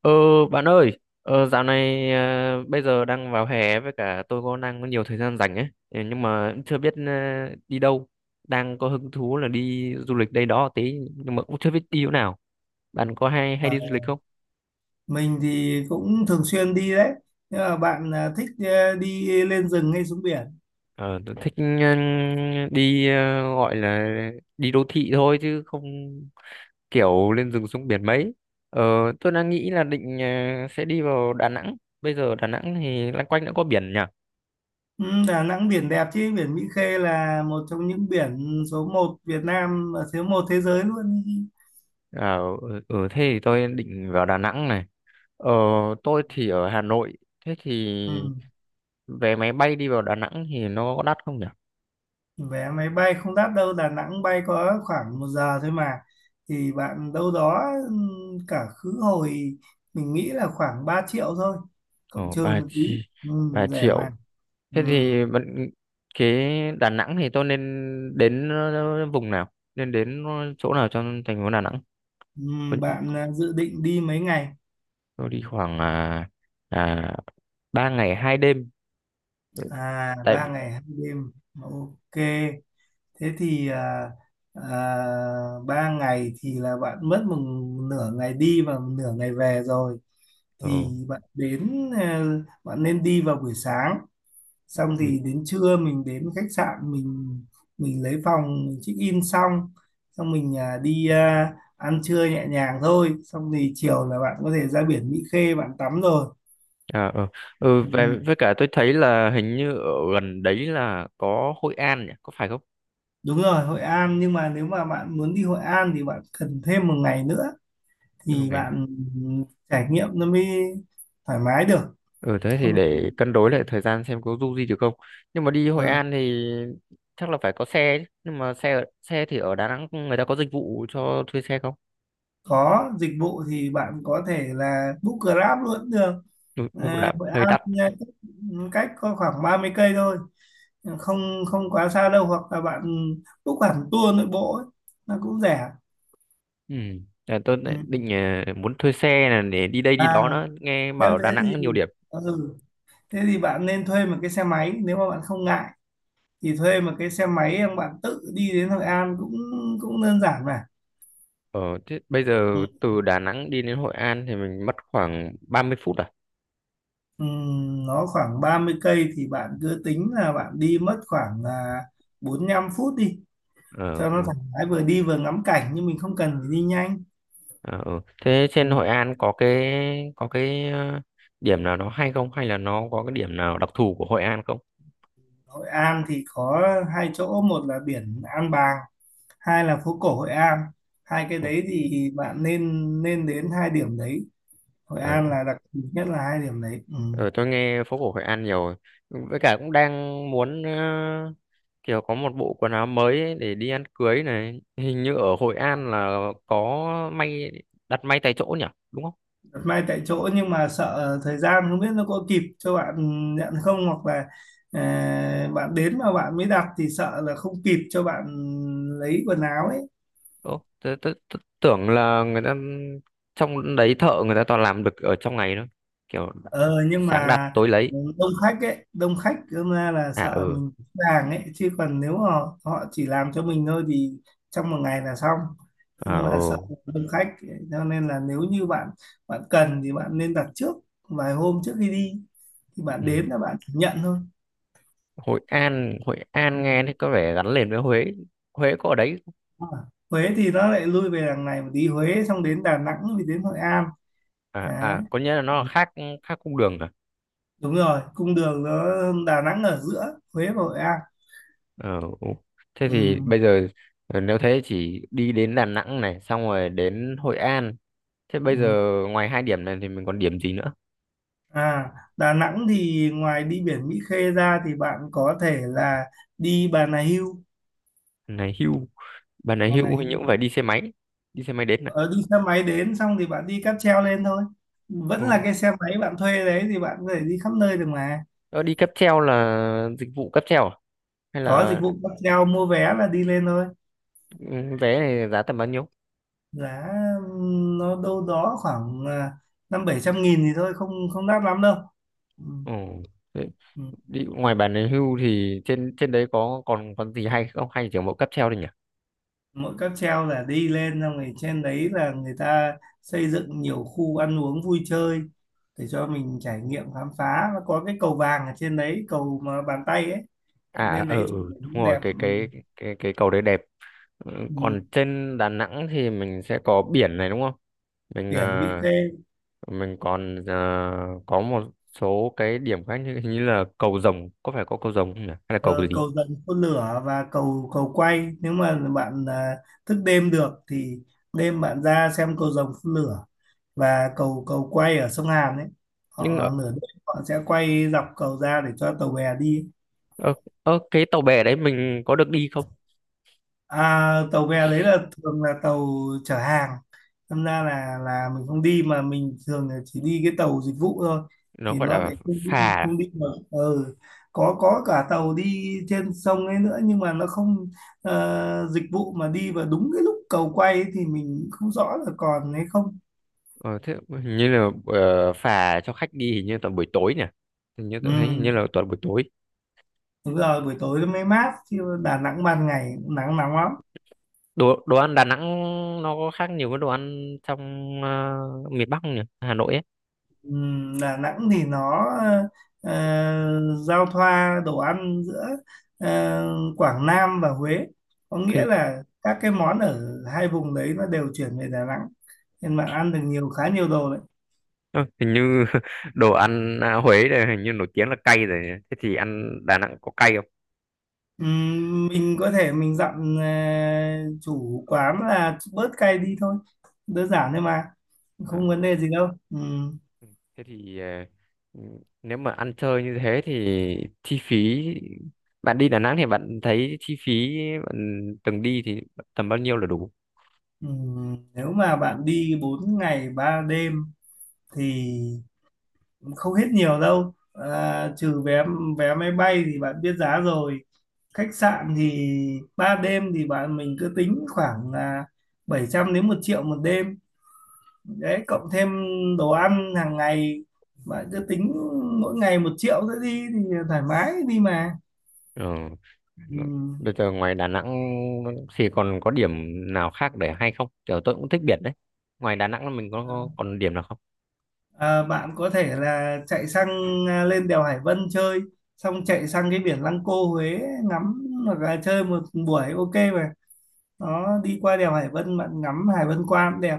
Ờ bạn ơi, dạo này bây giờ đang vào hè với cả tôi có đang có nhiều thời gian rảnh ấy, ừ, nhưng mà cũng chưa biết đi đâu. Đang có hứng thú là đi du lịch đây đó tí nhưng mà cũng chưa biết đi chỗ nào. Bạn có hay hay đi Dạ, du lịch không? mình thì cũng thường xuyên đi đấy. Nhưng mà bạn à, thích đi lên rừng hay xuống biển? Ờ tôi thích đi gọi là đi đô thị thôi chứ không kiểu lên rừng xuống biển mấy. Ờ tôi đang nghĩ là định sẽ đi vào Đà Nẵng. Bây giờ Đà Nẵng thì loanh quanh đã có biển nhỉ? Ừ, Đà Nẵng biển đẹp chứ, biển Mỹ Khê là một trong những biển số một Việt Nam và số một thế giới luôn. À, ừ, ừ, thế thì tôi định vào Đà Nẵng này. Ờ, tôi thì ở Hà Nội. Thế thì Ừ. vé máy bay đi vào Đà Nẵng thì nó có đắt không nhỉ? Vé máy bay không đắt đâu, Đà Nẵng bay có khoảng 1 giờ thôi mà. Thì bạn đâu đó, ừ, cả khứ hồi mình nghĩ là khoảng 3 triệu thôi, Ờ, cộng trừ 3, một tí. Ừ, 3 rẻ mà. triệu. Thế Ừ. thì bạn- cái Đà Nẵng thì tôi nên đến vùng nào? Nên đến chỗ nào trong thành phố Đà Nẵng? Ừ, Có- bạn à, dự định đi mấy ngày? Tôi đi khoảng à, 3 ngày 2 đêm. À, Tại ba vì... ngày hai đêm. Ok. Thế thì à, ba ngày thì là bạn mất một nửa ngày đi và một nửa ngày về rồi. Thì bạn nên đi vào buổi sáng. Xong Ừ. thì đến trưa mình đến khách sạn, mình lấy phòng mình check in xong, mình đi ăn trưa nhẹ nhàng thôi. Xong thì chiều là bạn có thể ra biển Mỹ Khê bạn tắm rồi. À, ừ. Ừ, về Ừ. với cả tôi thấy là hình như ở gần đấy là có Hội An nhỉ, có phải không? Đúng rồi, Hội An, nhưng mà nếu mà bạn muốn đi Hội An thì bạn cần thêm một ngày nữa Thêm một thì ngày nữa. bạn trải nghiệm nó mới thoải mái được. Ừ, thế thì Không thì- để cân đối lại thời gian xem có du gì được không. Nhưng mà đi Hội ờ, An thì chắc là phải có xe chứ. Nhưng mà xe thì ở Đà Nẵng người ta có dịch vụ cho thuê xe không? Có dịch vụ thì bạn có thể là book Grab luôn cũng được. Ừ, cũng À, là Hội hơi An đắt. Cách có khoảng 30 cây thôi, không không quá xa đâu, hoặc là bạn book hẳn tour nội bộ ấy, nó cũng rẻ. Ừ. Là tôi Ừ. lại định muốn thuê xe là để đi đây đi À, đó nữa, nghe bảo nếu ở thế Đà Nẵng thì, có nhiều điểm. ừ, thế thì bạn nên thuê một cái xe máy. Nếu mà bạn không ngại thì thuê một cái xe máy em bạn tự đi đến Hội An cũng cũng đơn giản mà. Ờ, thế bây giờ Ừ. từ Đà Nẵng đi đến Hội An thì mình mất khoảng 30 phút à? Ừ, nó khoảng 30 cây thì bạn cứ tính là bạn đi mất khoảng 45 phút đi Ờ, cho ừ. nó thoải mái, vừa đi vừa ngắm cảnh, nhưng mình không cần phải đi nhanh. Ờ, ừ. Thế trên Ừ. Hội An có cái điểm nào nó hay không hay là nó có cái điểm nào đặc thù của Hội An không? Hội An thì có hai chỗ, một là biển An Bàng, hai là phố cổ Hội An. Hai cái Ừ. đấy thì bạn nên nên đến hai điểm đấy. Hội À, An là đặc biệt nhất là hai điểm đấy. Ừ. ừ, tôi nghe phố cổ Hội An nhiều rồi. Với cả cũng đang muốn kiểu có một bộ quần áo mới ấy để đi ăn cưới này. Hình như ở Hội An là có may đặt may tại chỗ nhỉ? Đúng không? Đặt may tại chỗ, nhưng mà sợ thời gian không biết nó có kịp cho bạn nhận không. Hoặc là bạn đến mà bạn mới đặt thì sợ là không kịp cho bạn lấy quần áo ấy. Ừ. Tôi tưởng là người ta trong đấy thợ người ta toàn làm được ở trong ngày thôi. Kiểu Ờ nhưng sáng đặt mà tối lấy. Đông khách đâm ra là À sợ ừ. mình hàng ấy, chứ còn nếu mà họ chỉ làm cho mình thôi thì trong một ngày là xong, À nhưng mà sợ ừ. đông khách. Cho nên là nếu như bạn bạn cần thì bạn nên đặt trước vài hôm trước khi đi, thì bạn Ừ. đến là bạn chỉ nhận thôi. Hội An nghe thì có vẻ gắn liền với Huế, Huế có ở đấy không? À, Huế thì nó lại lui về đằng này một tí. Huế xong đến Đà Nẵng thì đến Hội An À đấy. à, có nghĩa là nó là khác, khác cung đường à. Đúng rồi, cung đường nó, Đà Nẵng ở giữa Huế và Hội An. Ờ, ừ. Thế Ừ. thì bây giờ nếu thế chỉ đi đến Đà Nẵng này xong rồi đến Hội An, thế bây Ừ. giờ ngoài hai điểm này thì mình còn điểm gì nữa. À, Đà Nẵng thì ngoài đi biển Mỹ Khê ra thì bạn có thể là đi Bà Nà Hưu Này hưu, bà này Bà Nà hưu hình như Hưu cũng phải đi xe máy, đi xe máy đến này. Ờ, Đi xe máy đến, xong thì bạn đi cáp treo lên thôi. Vẫn Ừ. là cái xe máy bạn thuê đấy thì bạn có thể đi khắp nơi được mà. Ờ, đi cáp treo là dịch vụ cáp treo à? Hay Có là dịch vụ cáp treo, mua vé là đi lên thôi. ừ, vé này giá tầm bao nhiêu. Giá nó đâu đó khoảng 500-700 nghìn thì thôi, không không đắt lắm đâu. Ừ. Ừ. Ừ. Đi ngoài bản đề hưu thì trên trên đấy có còn còn gì hay không hay chỉ có mỗi cáp treo thôi nhỉ? Mỗi cáp treo là đi lên, xong rồi trên đấy là người ta xây dựng nhiều khu ăn uống vui chơi để cho mình trải nghiệm khám phá. Nó có cái cầu vàng ở trên đấy, cầu mà bàn tay ấy. À Bạn à, lên ờ đấy chụp ừ, ảnh đúng cũng rồi đẹp. cái Ừ. cái cái cái cầu đấy đẹp. Ừ, Ừ. còn trên Đà Nẵng thì mình sẽ có biển này đúng không? mình Biển Mỹ à, Khê. mình còn có một số cái điểm khác như hình như là cầu Rồng, có phải có cầu Rồng không nhỉ hay là cầu Ờ, gì? Cầu dần phun lửa và cầu cầu quay. Nếu mà bạn thức đêm được thì đêm bạn ra xem cầu rồng phun lửa và cầu cầu quay ở sông Hàn ấy. nhưng Họ ở, nửa đêm họ sẽ quay dọc cầu ra để cho tàu bè đi. ở, ở cái tàu bè đấy mình có được đi không? Tàu bè đấy là thường là tàu chở hàng. Thành ra là mình không đi, mà mình thường là chỉ đi cái tàu dịch vụ thôi Nó thì gọi nó là lại không phà đi à? không đi được. Ừ. có cả tàu đi trên sông ấy nữa, nhưng mà nó không dịch vụ, mà đi vào đúng cái lúc cầu quay ấy thì mình không rõ là còn hay không. Ờ, thế hình như là phà cho khách đi hình như toàn buổi tối nhỉ, hình như tôi thấy hình như Ừ. là toàn buổi tối. Đúng rồi, buổi tối nó mới mát chứ Đà Nẵng ban ngày cũng nắng nóng lắm. Đồ đồ ăn Đà Nẵng nó có khác nhiều với đồ ăn trong ờ, miền Bắc không nhỉ, Hà Nội ấy. Đà Nẵng thì nó ờ, giao thoa đồ ăn giữa ờ, Quảng Nam và Huế. Có nghĩa hình, là các cái món ở hai vùng đấy nó đều chuyển về Đà Nẵng. Nên bạn ăn được khá nhiều đồ đấy. ờ, Hình như đồ ăn Huế này hình như nổi tiếng là cay rồi nhỉ? Thế thì ăn Đà Nẵng có cay không? Mình có thể mình dặn chủ quán là bớt cay đi thôi. Đơn giản thôi mà. Ờ, Không vấn đề gì đâu. Ừm. thế thì nếu mà ăn chơi như thế thì chi phí, bạn đi Đà Nẵng thì bạn thấy chi phí bạn từng đi thì tầm bao nhiêu là đủ? Nếu mà bạn đi 4 ngày 3 đêm thì không hết nhiều đâu. Trừ vé vé máy bay thì bạn biết giá rồi. Khách sạn thì 3 đêm thì mình cứ tính khoảng là 700 nghìn đến 1 triệu một đêm đấy, cộng thêm đồ ăn hàng ngày, bạn cứ tính mỗi ngày 1 triệu nữa đi thì thoải mái đi mà. Ờ. Ừ. Bây giờ ngoài Đà Nẵng thì còn có điểm nào khác để hay không? Kiểu tôi cũng thích biển đấy. Ngoài Đà Nẵng mình có còn điểm nào không? Bạn có thể là chạy sang, lên đèo Hải Vân chơi, xong chạy sang cái biển Lăng Cô Huế ngắm, hoặc là chơi một buổi ok mà. Đó, đi qua đèo Hải Vân bạn ngắm Hải Vân qua cũng đẹp.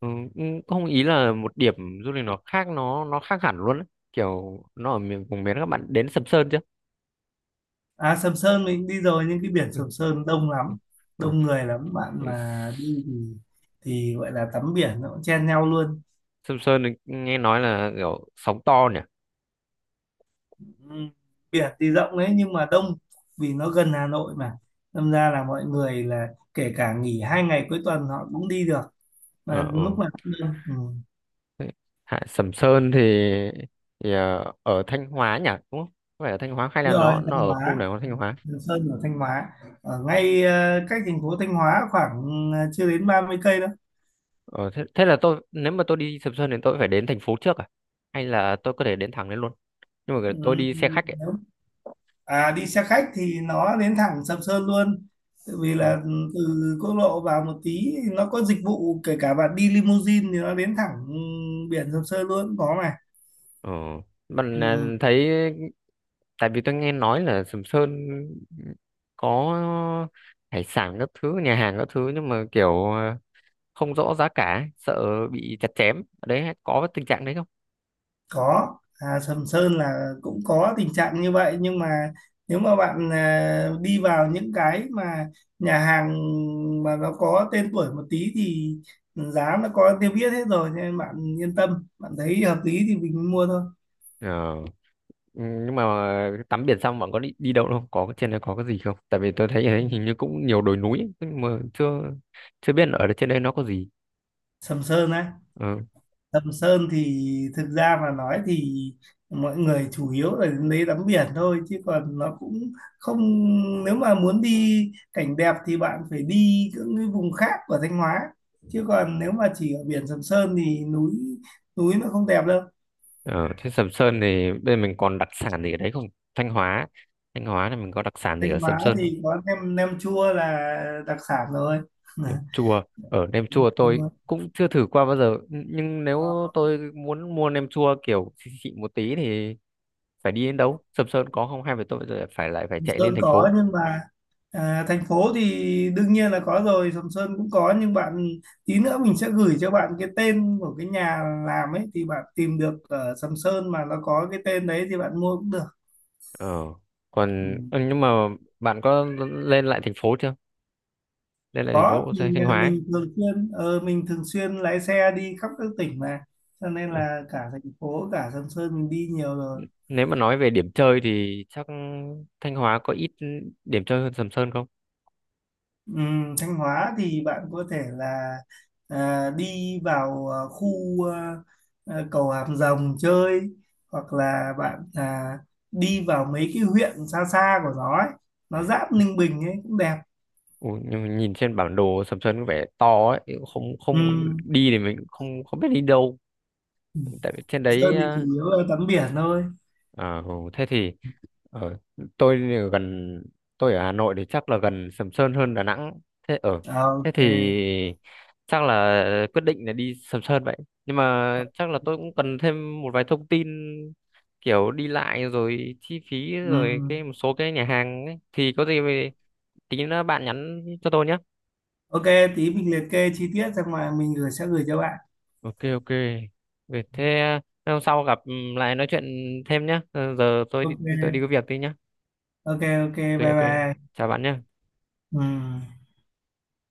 Ừ, cũng không ý là một điểm du lịch nó khác, nó khác hẳn luôn đấy. Kiểu nó ở miền vùng miền, các bạn đến Sầm Sơn chưa? Sầm Sơn mình đi rồi nhưng cái biển Ừ. Sầm Sơn đông Ừ, lắm, ừ. đông người lắm. Bạn Thế mà đi thì gọi là tắm biển nó cũng chen nhau luôn. Sầm Sơn thì nghe nói là kiểu sóng to nhỉ? Ừ. Biển thì rộng đấy nhưng mà đông, vì nó gần Hà Nội mà, đâm ra là mọi người là kể cả nghỉ 2 ngày cuối tuần họ cũng đi được, mà Ờ, ừ. lúc nào cũng đông. Ừ. Thế, Hạ Sầm Sơn thì ở Thanh Hóa nhỉ? Đúng không? Phải ở Thanh Hóa hay Đúng là rồi, nó Thanh ở khu Hóa. nào của Thanh Hóa? Sầm Sơn ở Thanh Hóa, ở ngay, cách thành phố Thanh Hóa khoảng chưa đến 30 cây đâu. Ờ, thế, thế là tôi nếu mà tôi đi Sầm Sơn thì tôi phải đến thành phố trước à? Hay là tôi có thể đến thẳng đến luôn? Nhưng mà Ừ, tôi đi ừ. xe khách ấy. nếu À, đi xe khách thì nó đến thẳng Sầm Sơn luôn. Tại vì Ừ. là, từ quốc lộ vào một tí nó có dịch vụ, kể cả bạn đi limousine thì nó đến thẳng, biển Sầm Sơn luôn cũng có mà. Ờ. Bạn Ừ, thấy tại vì tôi nghe nói là Sầm Sơn có hải sản các thứ, nhà hàng các thứ nhưng mà kiểu không rõ giá cả, sợ bị chặt chém. Ở đấy có tình trạng đấy không? có. À, Sầm Sơn là cũng có tình trạng như vậy, nhưng mà nếu mà bạn đi vào những cái mà nhà hàng mà nó có tên tuổi một tí thì giá nó có tiêu biết hết rồi, cho nên bạn yên tâm. Bạn thấy hợp lý thì mình mua thôi. Ờ. Ừ, nhưng mà tắm biển xong bạn có đi đi đâu không, có cái trên đấy có cái gì không, tại vì tôi thấy ở đấy hình như cũng nhiều đồi núi ấy, nhưng mà chưa chưa biết ở trên đây nó có gì. Sầm Sơn á. Ừ. Sầm Sơn thì thực ra mà nói thì mọi người chủ yếu là đến đấy tắm biển thôi, chứ còn nó cũng không. Nếu mà muốn đi cảnh đẹp thì bạn phải đi những cái vùng khác của Thanh Hóa, chứ còn nếu mà chỉ ở biển Sầm Sơn thì núi núi nó không đẹp đâu. Ở trên Sầm Sơn thì bên mình còn đặc sản gì ở đấy không? Thanh Hóa, Thanh Hóa là mình có đặc sản gì ở Thanh Sầm Hóa Sơn? thì có nem nem chua là đặc sản rồi. Nem chua, ở nem Nem chua tôi chua. cũng chưa thử qua bao giờ nhưng nếu tôi muốn mua nem chua kiểu xịn xịn một tí thì phải đi đến đâu, Sầm Sơn có không hay phải tôi phải lại phải Sầm chạy lên Sơn thành có, phố? nhưng mà thành phố thì đương nhiên là có rồi. Sầm Sơn cũng có, nhưng tí nữa mình sẽ gửi cho bạn cái tên của cái nhà làm ấy, thì bạn tìm được ở Sầm Sơn mà nó có cái tên đấy thì bạn mua cũng được. Ờ. Ừ. Còn ừ, nhưng mà bạn có lên lại thành phố chưa? Lên lại thành Có, phố Thanh Thanh Hóa ấy. Mình thường xuyên lái xe đi khắp các tỉnh mà, cho nên Ừ. là cả thành phố cả Sầm Sơn mình đi nhiều rồi. Nếu mà nói về điểm chơi thì chắc Thanh Hóa có ít điểm chơi hơn Sầm Sơn không? Thanh Hóa thì bạn có thể là đi vào, khu, à, cầu Hàm Rồng chơi, hoặc là bạn đi vào mấy cái huyện xa xa của nó ấy. Nó giáp Ninh Bình ấy cũng đẹp. Ủa, nhưng mà nhìn trên bản đồ Sầm Sơn có vẻ to ấy, không không Ừm, đi thì mình không không biết đi đâu. Tại vì trên Sơn đấy thì chủ à, yếu là tắm biển thôi. ờ, thế thì ở tôi thì ở gần, tôi ở Hà Nội thì chắc là gần Sầm Sơn hơn Đà Nẵng. Thế ở Ờ, thế ok. thì chắc là quyết định là đi Sầm Sơn vậy. Nhưng mà chắc là tôi cũng cần thêm một vài thông tin kiểu đi lại rồi chi phí rồi cái Ừm, một số cái nhà hàng ấy. Thì có gì về tí nữa bạn nhắn cho tôi nhé. ok, tí mình liệt kê chi tiết xong mà mình sẽ gửi cho bạn. Ok ok. Vậy thế hôm sau gặp lại nói chuyện thêm nhé. Giờ tôi đi có Ok, việc đi nhé. ok, ok, Ok bye ok. bye. Chào bạn nhé. Ừm.